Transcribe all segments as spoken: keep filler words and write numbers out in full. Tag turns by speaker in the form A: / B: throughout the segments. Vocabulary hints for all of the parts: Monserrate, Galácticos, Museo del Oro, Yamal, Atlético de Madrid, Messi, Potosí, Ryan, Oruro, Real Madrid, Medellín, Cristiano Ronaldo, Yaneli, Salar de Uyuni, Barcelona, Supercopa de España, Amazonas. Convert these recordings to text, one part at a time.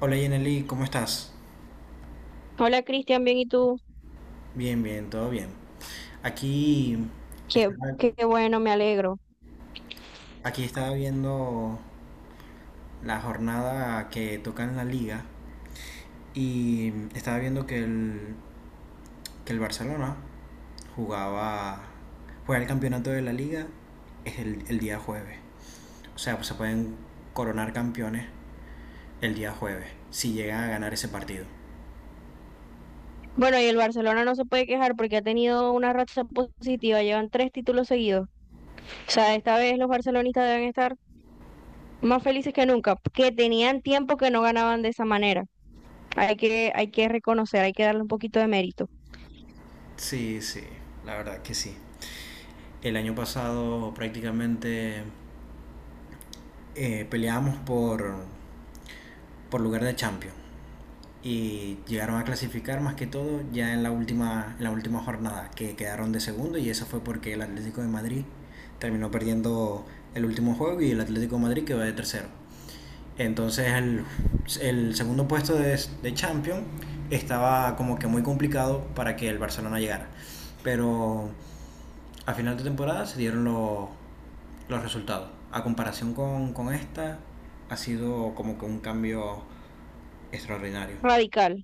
A: Hola Yaneli, ¿cómo estás?
B: Hola Cristian, bien, ¿y tú?
A: Bien, bien, todo bien. Aquí
B: Qué,
A: estaba,
B: qué bueno, me alegro.
A: aquí estaba viendo la jornada que toca en la liga y estaba viendo que el, que el Barcelona jugaba, juega el campeonato de la liga es el, el día jueves. O sea, pues se pueden coronar campeones el día jueves si llegan a ganar ese partido.
B: Bueno, y el Barcelona no se puede quejar porque ha tenido una racha positiva, llevan tres títulos seguidos. O sea, esta vez los barcelonistas deben estar más felices que nunca, que tenían tiempo que no ganaban de esa manera. Hay que, hay que reconocer, hay que darle un poquito de mérito.
A: Sí, sí, la verdad que sí. El año pasado prácticamente eh, peleábamos por, por lugar de champions y llegaron a clasificar más que todo ya en la última en la última jornada que quedaron de segundo y eso fue porque el Atlético de Madrid terminó perdiendo el último juego y el Atlético de Madrid quedó de tercero entonces el, el segundo puesto de, de Champions estaba como que muy complicado para que el Barcelona llegara, pero a final de temporada se dieron los los resultados. A comparación con, con esta, ha sido como que un cambio extraordinario.
B: Radical.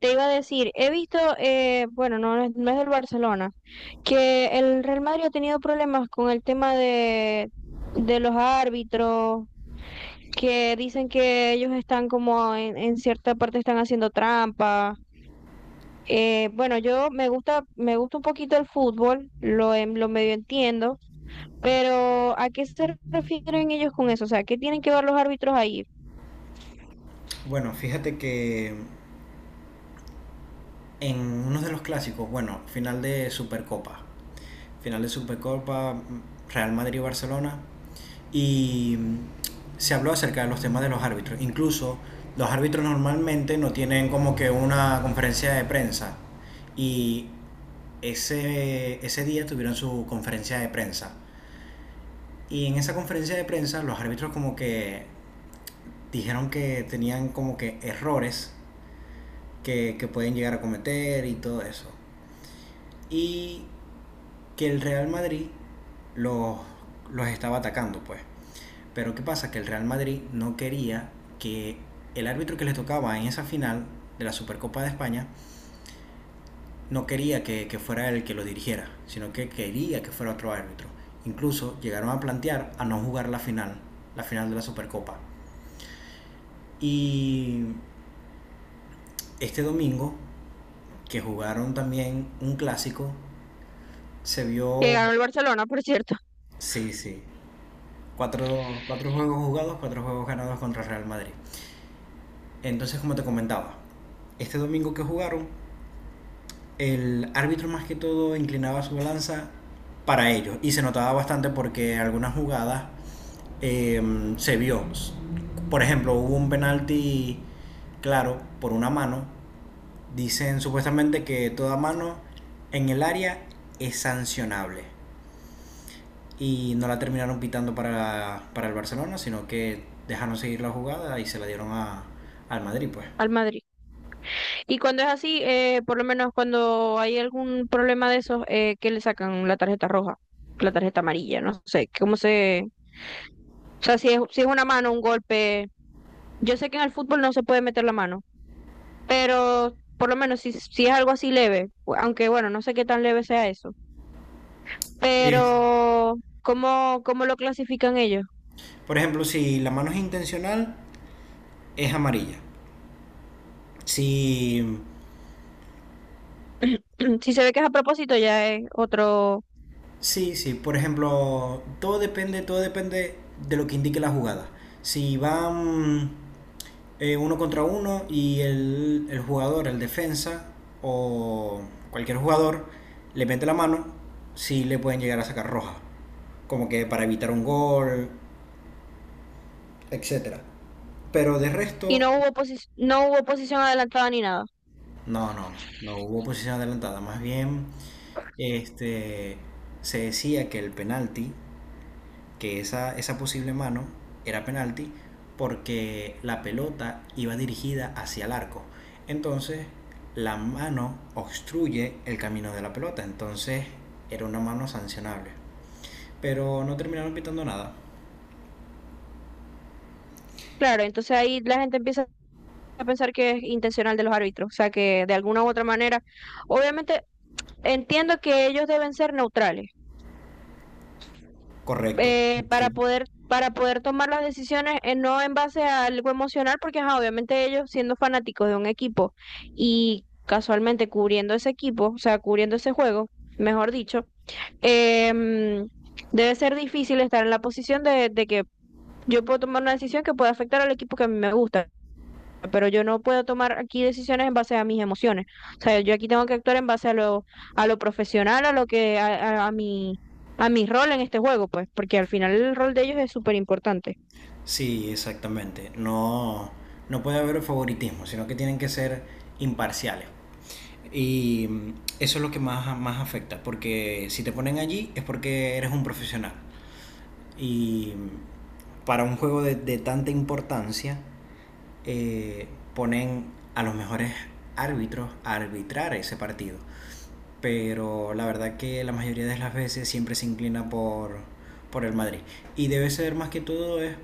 B: Te iba a decir, he visto, eh, bueno, no, es- no es del Barcelona, que el Real Madrid ha tenido problemas con el tema de, de los árbitros, que dicen que ellos están como en, en cierta parte están haciendo trampa. Eh, bueno, yo me gusta, me gusta un poquito el fútbol, lo, en- lo medio entiendo, pero ¿a qué se refieren ellos con eso? O sea, ¿qué tienen que ver los árbitros ahí?
A: Bueno, fíjate que en uno de los clásicos, bueno, final de Supercopa. Final de Supercopa, Real Madrid-Barcelona. Y se habló acerca de los temas de los árbitros. Incluso los árbitros normalmente no tienen como que una conferencia de prensa. Y ese, ese día tuvieron su conferencia de prensa. Y en esa conferencia de prensa los árbitros como que dijeron que tenían como que errores que, que pueden llegar a cometer y todo eso. Y que el Real Madrid los, los estaba atacando, pues. Pero ¿qué pasa? Que el Real Madrid no quería que el árbitro que les tocaba en esa final de la Supercopa de España no quería que, que fuera el que lo dirigiera, sino que quería que fuera otro árbitro. Incluso llegaron a plantear a no jugar la final, la final de la Supercopa. Y este domingo, que jugaron también un clásico, se
B: Que
A: vio,
B: ganó el Barcelona, por cierto,
A: sí, sí, cuatro, cuatro juegos jugados, cuatro juegos ganados contra el Real Madrid. Entonces, como te comentaba, este domingo que jugaron, el árbitro más que todo inclinaba su balanza para ellos y se notaba bastante porque algunas jugadas eh, se vio. Por ejemplo, hubo un penalti claro por una mano. Dicen supuestamente que toda mano en el área es sancionable. Y no la terminaron pitando para, para el Barcelona, sino que dejaron seguir la jugada y se la dieron a, al Madrid, pues.
B: al Madrid. Y cuando es así, eh, por lo menos cuando hay algún problema de esos, eh, ¿qué le sacan la tarjeta roja? La tarjeta amarilla, no sé, ¿cómo se...? O sea, si es, si es una mano, un golpe... Yo sé que en el fútbol no se puede meter la mano, pero por lo menos si, si es algo así leve, aunque bueno, no sé qué tan leve sea eso,
A: Es-
B: pero ¿cómo, cómo lo clasifican ellos?
A: por ejemplo, si la mano es intencional, es amarilla. Si,
B: Si se ve que es a propósito, ya es otro...
A: sí, sí, por ejemplo, todo depende, todo depende de lo que indique la jugada. Si van eh, uno contra uno y el, el jugador, el defensa o cualquier jugador le mete la mano, sí le pueden llegar a sacar roja, como que para evitar un gol, etcétera. Pero de
B: Y
A: resto,
B: no hubo, posi- no hubo posición adelantada ni nada.
A: no, no, no, no hubo posición adelantada, más bien este, se decía que el penalti, que esa, esa posible mano era penalti porque la pelota iba dirigida hacia el arco. Entonces, la mano obstruye el camino de la pelota. Entonces, era una mano sancionable. Pero no terminaron pitando nada.
B: Claro, entonces ahí la gente empieza a pensar que es intencional de los árbitros, o sea que de alguna u otra manera, obviamente entiendo que ellos deben ser neutrales,
A: Correcto. Sí,
B: eh,
A: sí.
B: para poder para poder tomar las decisiones, eh, no en base a algo emocional, porque ajá, obviamente ellos siendo fanáticos de un equipo y casualmente cubriendo ese equipo, o sea, cubriendo ese juego, mejor dicho, em, debe ser difícil estar en la posición de, de que yo puedo tomar una decisión que pueda afectar al equipo que a mí me gusta, pero yo no puedo tomar aquí decisiones en base a mis emociones. O sea, yo aquí tengo que actuar en base a lo, a lo profesional, a lo que, a, a, a mi, a mi rol en este juego, pues, porque al final el rol de ellos es súper importante.
A: Sí, exactamente. No, no puede haber favoritismo, sino que tienen que ser imparciales. Y mm, eso es lo que más, más afecta, porque si te ponen allí es porque eres un profesional. Y para un juego de, de tanta importancia, eh, ponen a los mejores árbitros a arbitrar ese partido. Pero la verdad que la mayoría de las veces siempre se inclina por, por el Madrid. Y debe ser más que todo es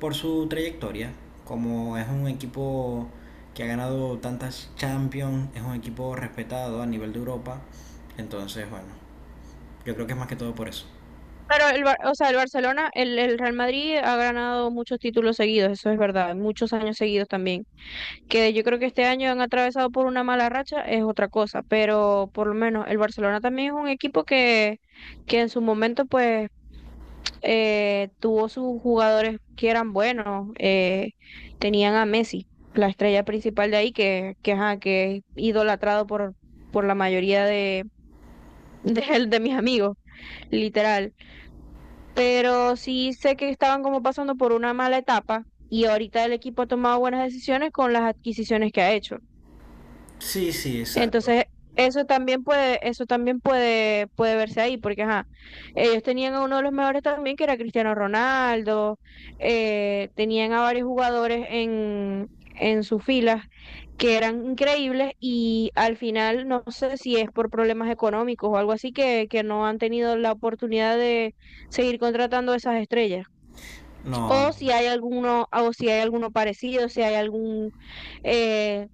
A: por su trayectoria. Como es un equipo que ha ganado tantas Champions, es un equipo respetado a nivel de Europa. Entonces, bueno, yo creo que es más que todo por eso.
B: Pero el, Bar- o sea, el Barcelona, el, el Real Madrid ha ganado muchos títulos seguidos, eso es verdad, muchos años seguidos también. Que yo creo que este año han atravesado por una mala racha es otra cosa, pero por lo menos el Barcelona también es un equipo que, que en su momento pues eh, tuvo sus jugadores que eran buenos, eh, tenían a Messi, la estrella principal de ahí, que, que, ajá, que es idolatrado por, por la mayoría de, de, de mis amigos, literal. Pero sí sé que estaban como pasando por una mala etapa y ahorita el equipo ha tomado buenas decisiones con las adquisiciones que ha hecho.
A: Sí, sí, exacto.
B: Entonces, eso también puede, eso también puede, puede verse ahí, porque ajá, ellos tenían a uno de los mejores también, que era Cristiano Ronaldo, eh, tenían a varios jugadores en, en sus filas que eran increíbles y al final no sé si es por problemas económicos o algo así que, que no han tenido la oportunidad de seguir contratando a esas estrellas
A: No,
B: o
A: no.
B: si hay alguno, o si hay alguno parecido, si hay algún eh,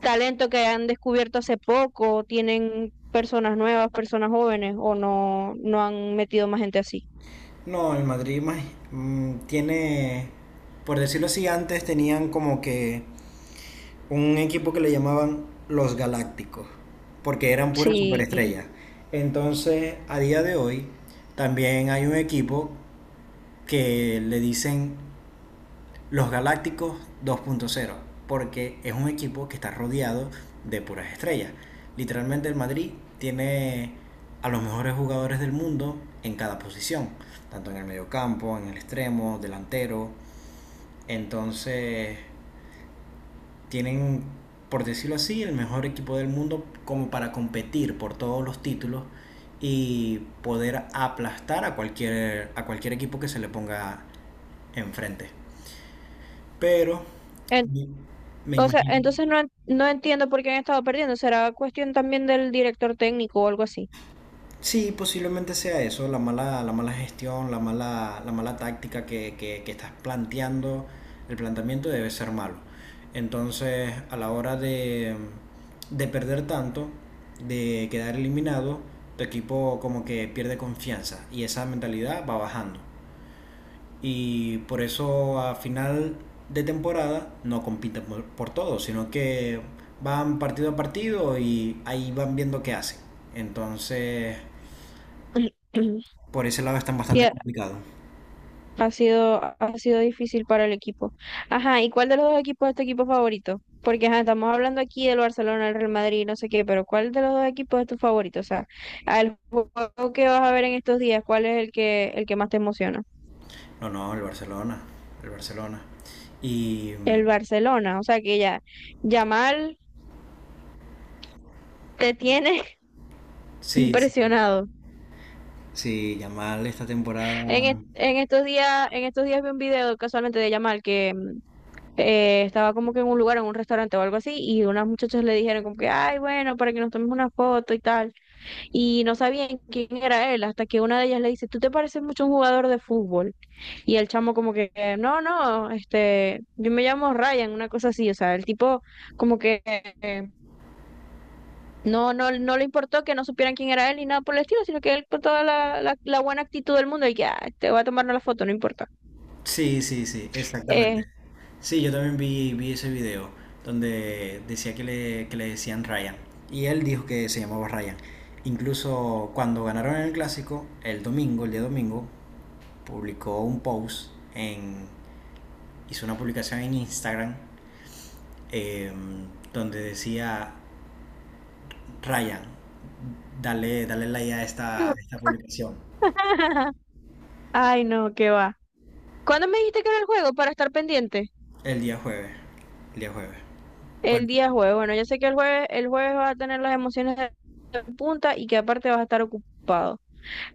B: talento que han descubierto hace poco, o tienen personas nuevas, personas jóvenes, o no, no han metido más gente así.
A: No, el Madrid más- mm, tiene, por decirlo así, antes tenían como que un equipo que le llamaban los Galácticos, porque eran puras
B: Sí.
A: superestrellas. Entonces, a día de hoy, también hay un equipo que le dicen los Galácticos dos punto cero, porque es un equipo que está rodeado de puras estrellas. Literalmente el Madrid tiene a los mejores jugadores del mundo en cada posición, tanto en el mediocampo, en el extremo, delantero. Entonces tienen, por decirlo así, el mejor equipo del mundo como para competir por todos los títulos y poder aplastar a cualquier, a cualquier equipo que se le ponga enfrente. Pero
B: En-
A: me me
B: o sea,
A: imagino.
B: entonces no, en- no entiendo por qué han estado perdiendo. Será cuestión también del director técnico o algo así.
A: Sí, posiblemente sea eso, la mala, la mala gestión, la mala, la mala táctica que, que- que estás planteando, el planteamiento debe ser malo. Entonces, a la hora de, de perder tanto, de quedar eliminado, tu equipo como que pierde confianza y esa mentalidad va bajando, y por eso a final de temporada no compiten por, por todo, sino que van partido a partido y ahí van viendo qué hacen. Entonces, por ese lado están
B: Sí,
A: bastante complicados.
B: ha sido, ha sido difícil para el equipo. Ajá, ¿y cuál de los dos equipos es tu equipo favorito? Porque ajá, estamos hablando aquí del Barcelona, el Real Madrid, no sé qué, pero ¿cuál de los dos equipos es tu favorito? O sea, al juego que vas a ver en estos días, ¿cuál es el que, el que más te emociona?
A: No, no, el Barcelona, el Barcelona. Y mm,
B: El Barcelona, o sea que ya, Yamal te tiene
A: sí, sí,
B: impresionado.
A: sí, Yamal esta temporada.
B: En, est- en estos días, en estos días vi un video casualmente de Yamal que mm, eh, estaba como que en un lugar, en un restaurante o algo así, y unas muchachas le dijeron como que, ay, bueno, para que nos tomemos una foto y tal. Y no sabían quién era él, hasta que una de ellas le dice, tú te pareces mucho a un jugador de fútbol. Y el chamo como que, no, no, este, yo me llamo Ryan, una cosa así, o sea, el tipo como que... eh, no, no, no le importó que no supieran quién era él ni nada por el estilo, sino que él con toda la, la, la buena actitud del mundo, y que, "Ah, te voy a tomar la foto, no importa."
A: Sí, sí, sí, exactamente.
B: Eh,
A: Sí, yo también vi, vi ese video donde decía que le, que le decían Ryan. Y él dijo que se llamaba Ryan. Incluso cuando ganaron el clásico, el domingo, el día domingo, publicó un post en, hizo una publicación en Instagram, eh, donde decía Ryan, dale, dale like a esta, a esta publicación.
B: Ay, no, qué va. ¿Cuándo me dijiste que era el juego para estar pendiente?
A: El día jueves. El día jueves.
B: El
A: Bueno,
B: día jueves. Bueno, yo sé que el jueves, el jueves vas a tener las emociones de punta y que aparte vas a estar ocupado.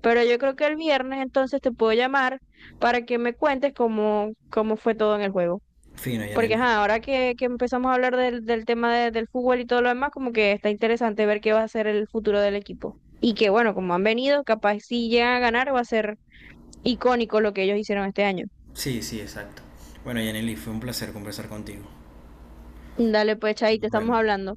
B: Pero yo creo que el viernes entonces te puedo llamar para que me cuentes cómo, cómo fue todo en el juego.
A: fino,
B: Porque
A: Yanel.
B: ajá, ahora que, que empezamos a hablar del, del tema de- del fútbol y todo lo demás, como que está interesante ver qué va a ser el futuro del equipo. Y que bueno, como han venido, capaz si llegan a ganar va a ser icónico lo que ellos hicieron este año.
A: Sí, sí, exacto. Bueno, Yaneli, fue un placer conversar contigo.
B: Dale pues, Chay, te
A: Nos
B: estamos
A: vemos.
B: hablando.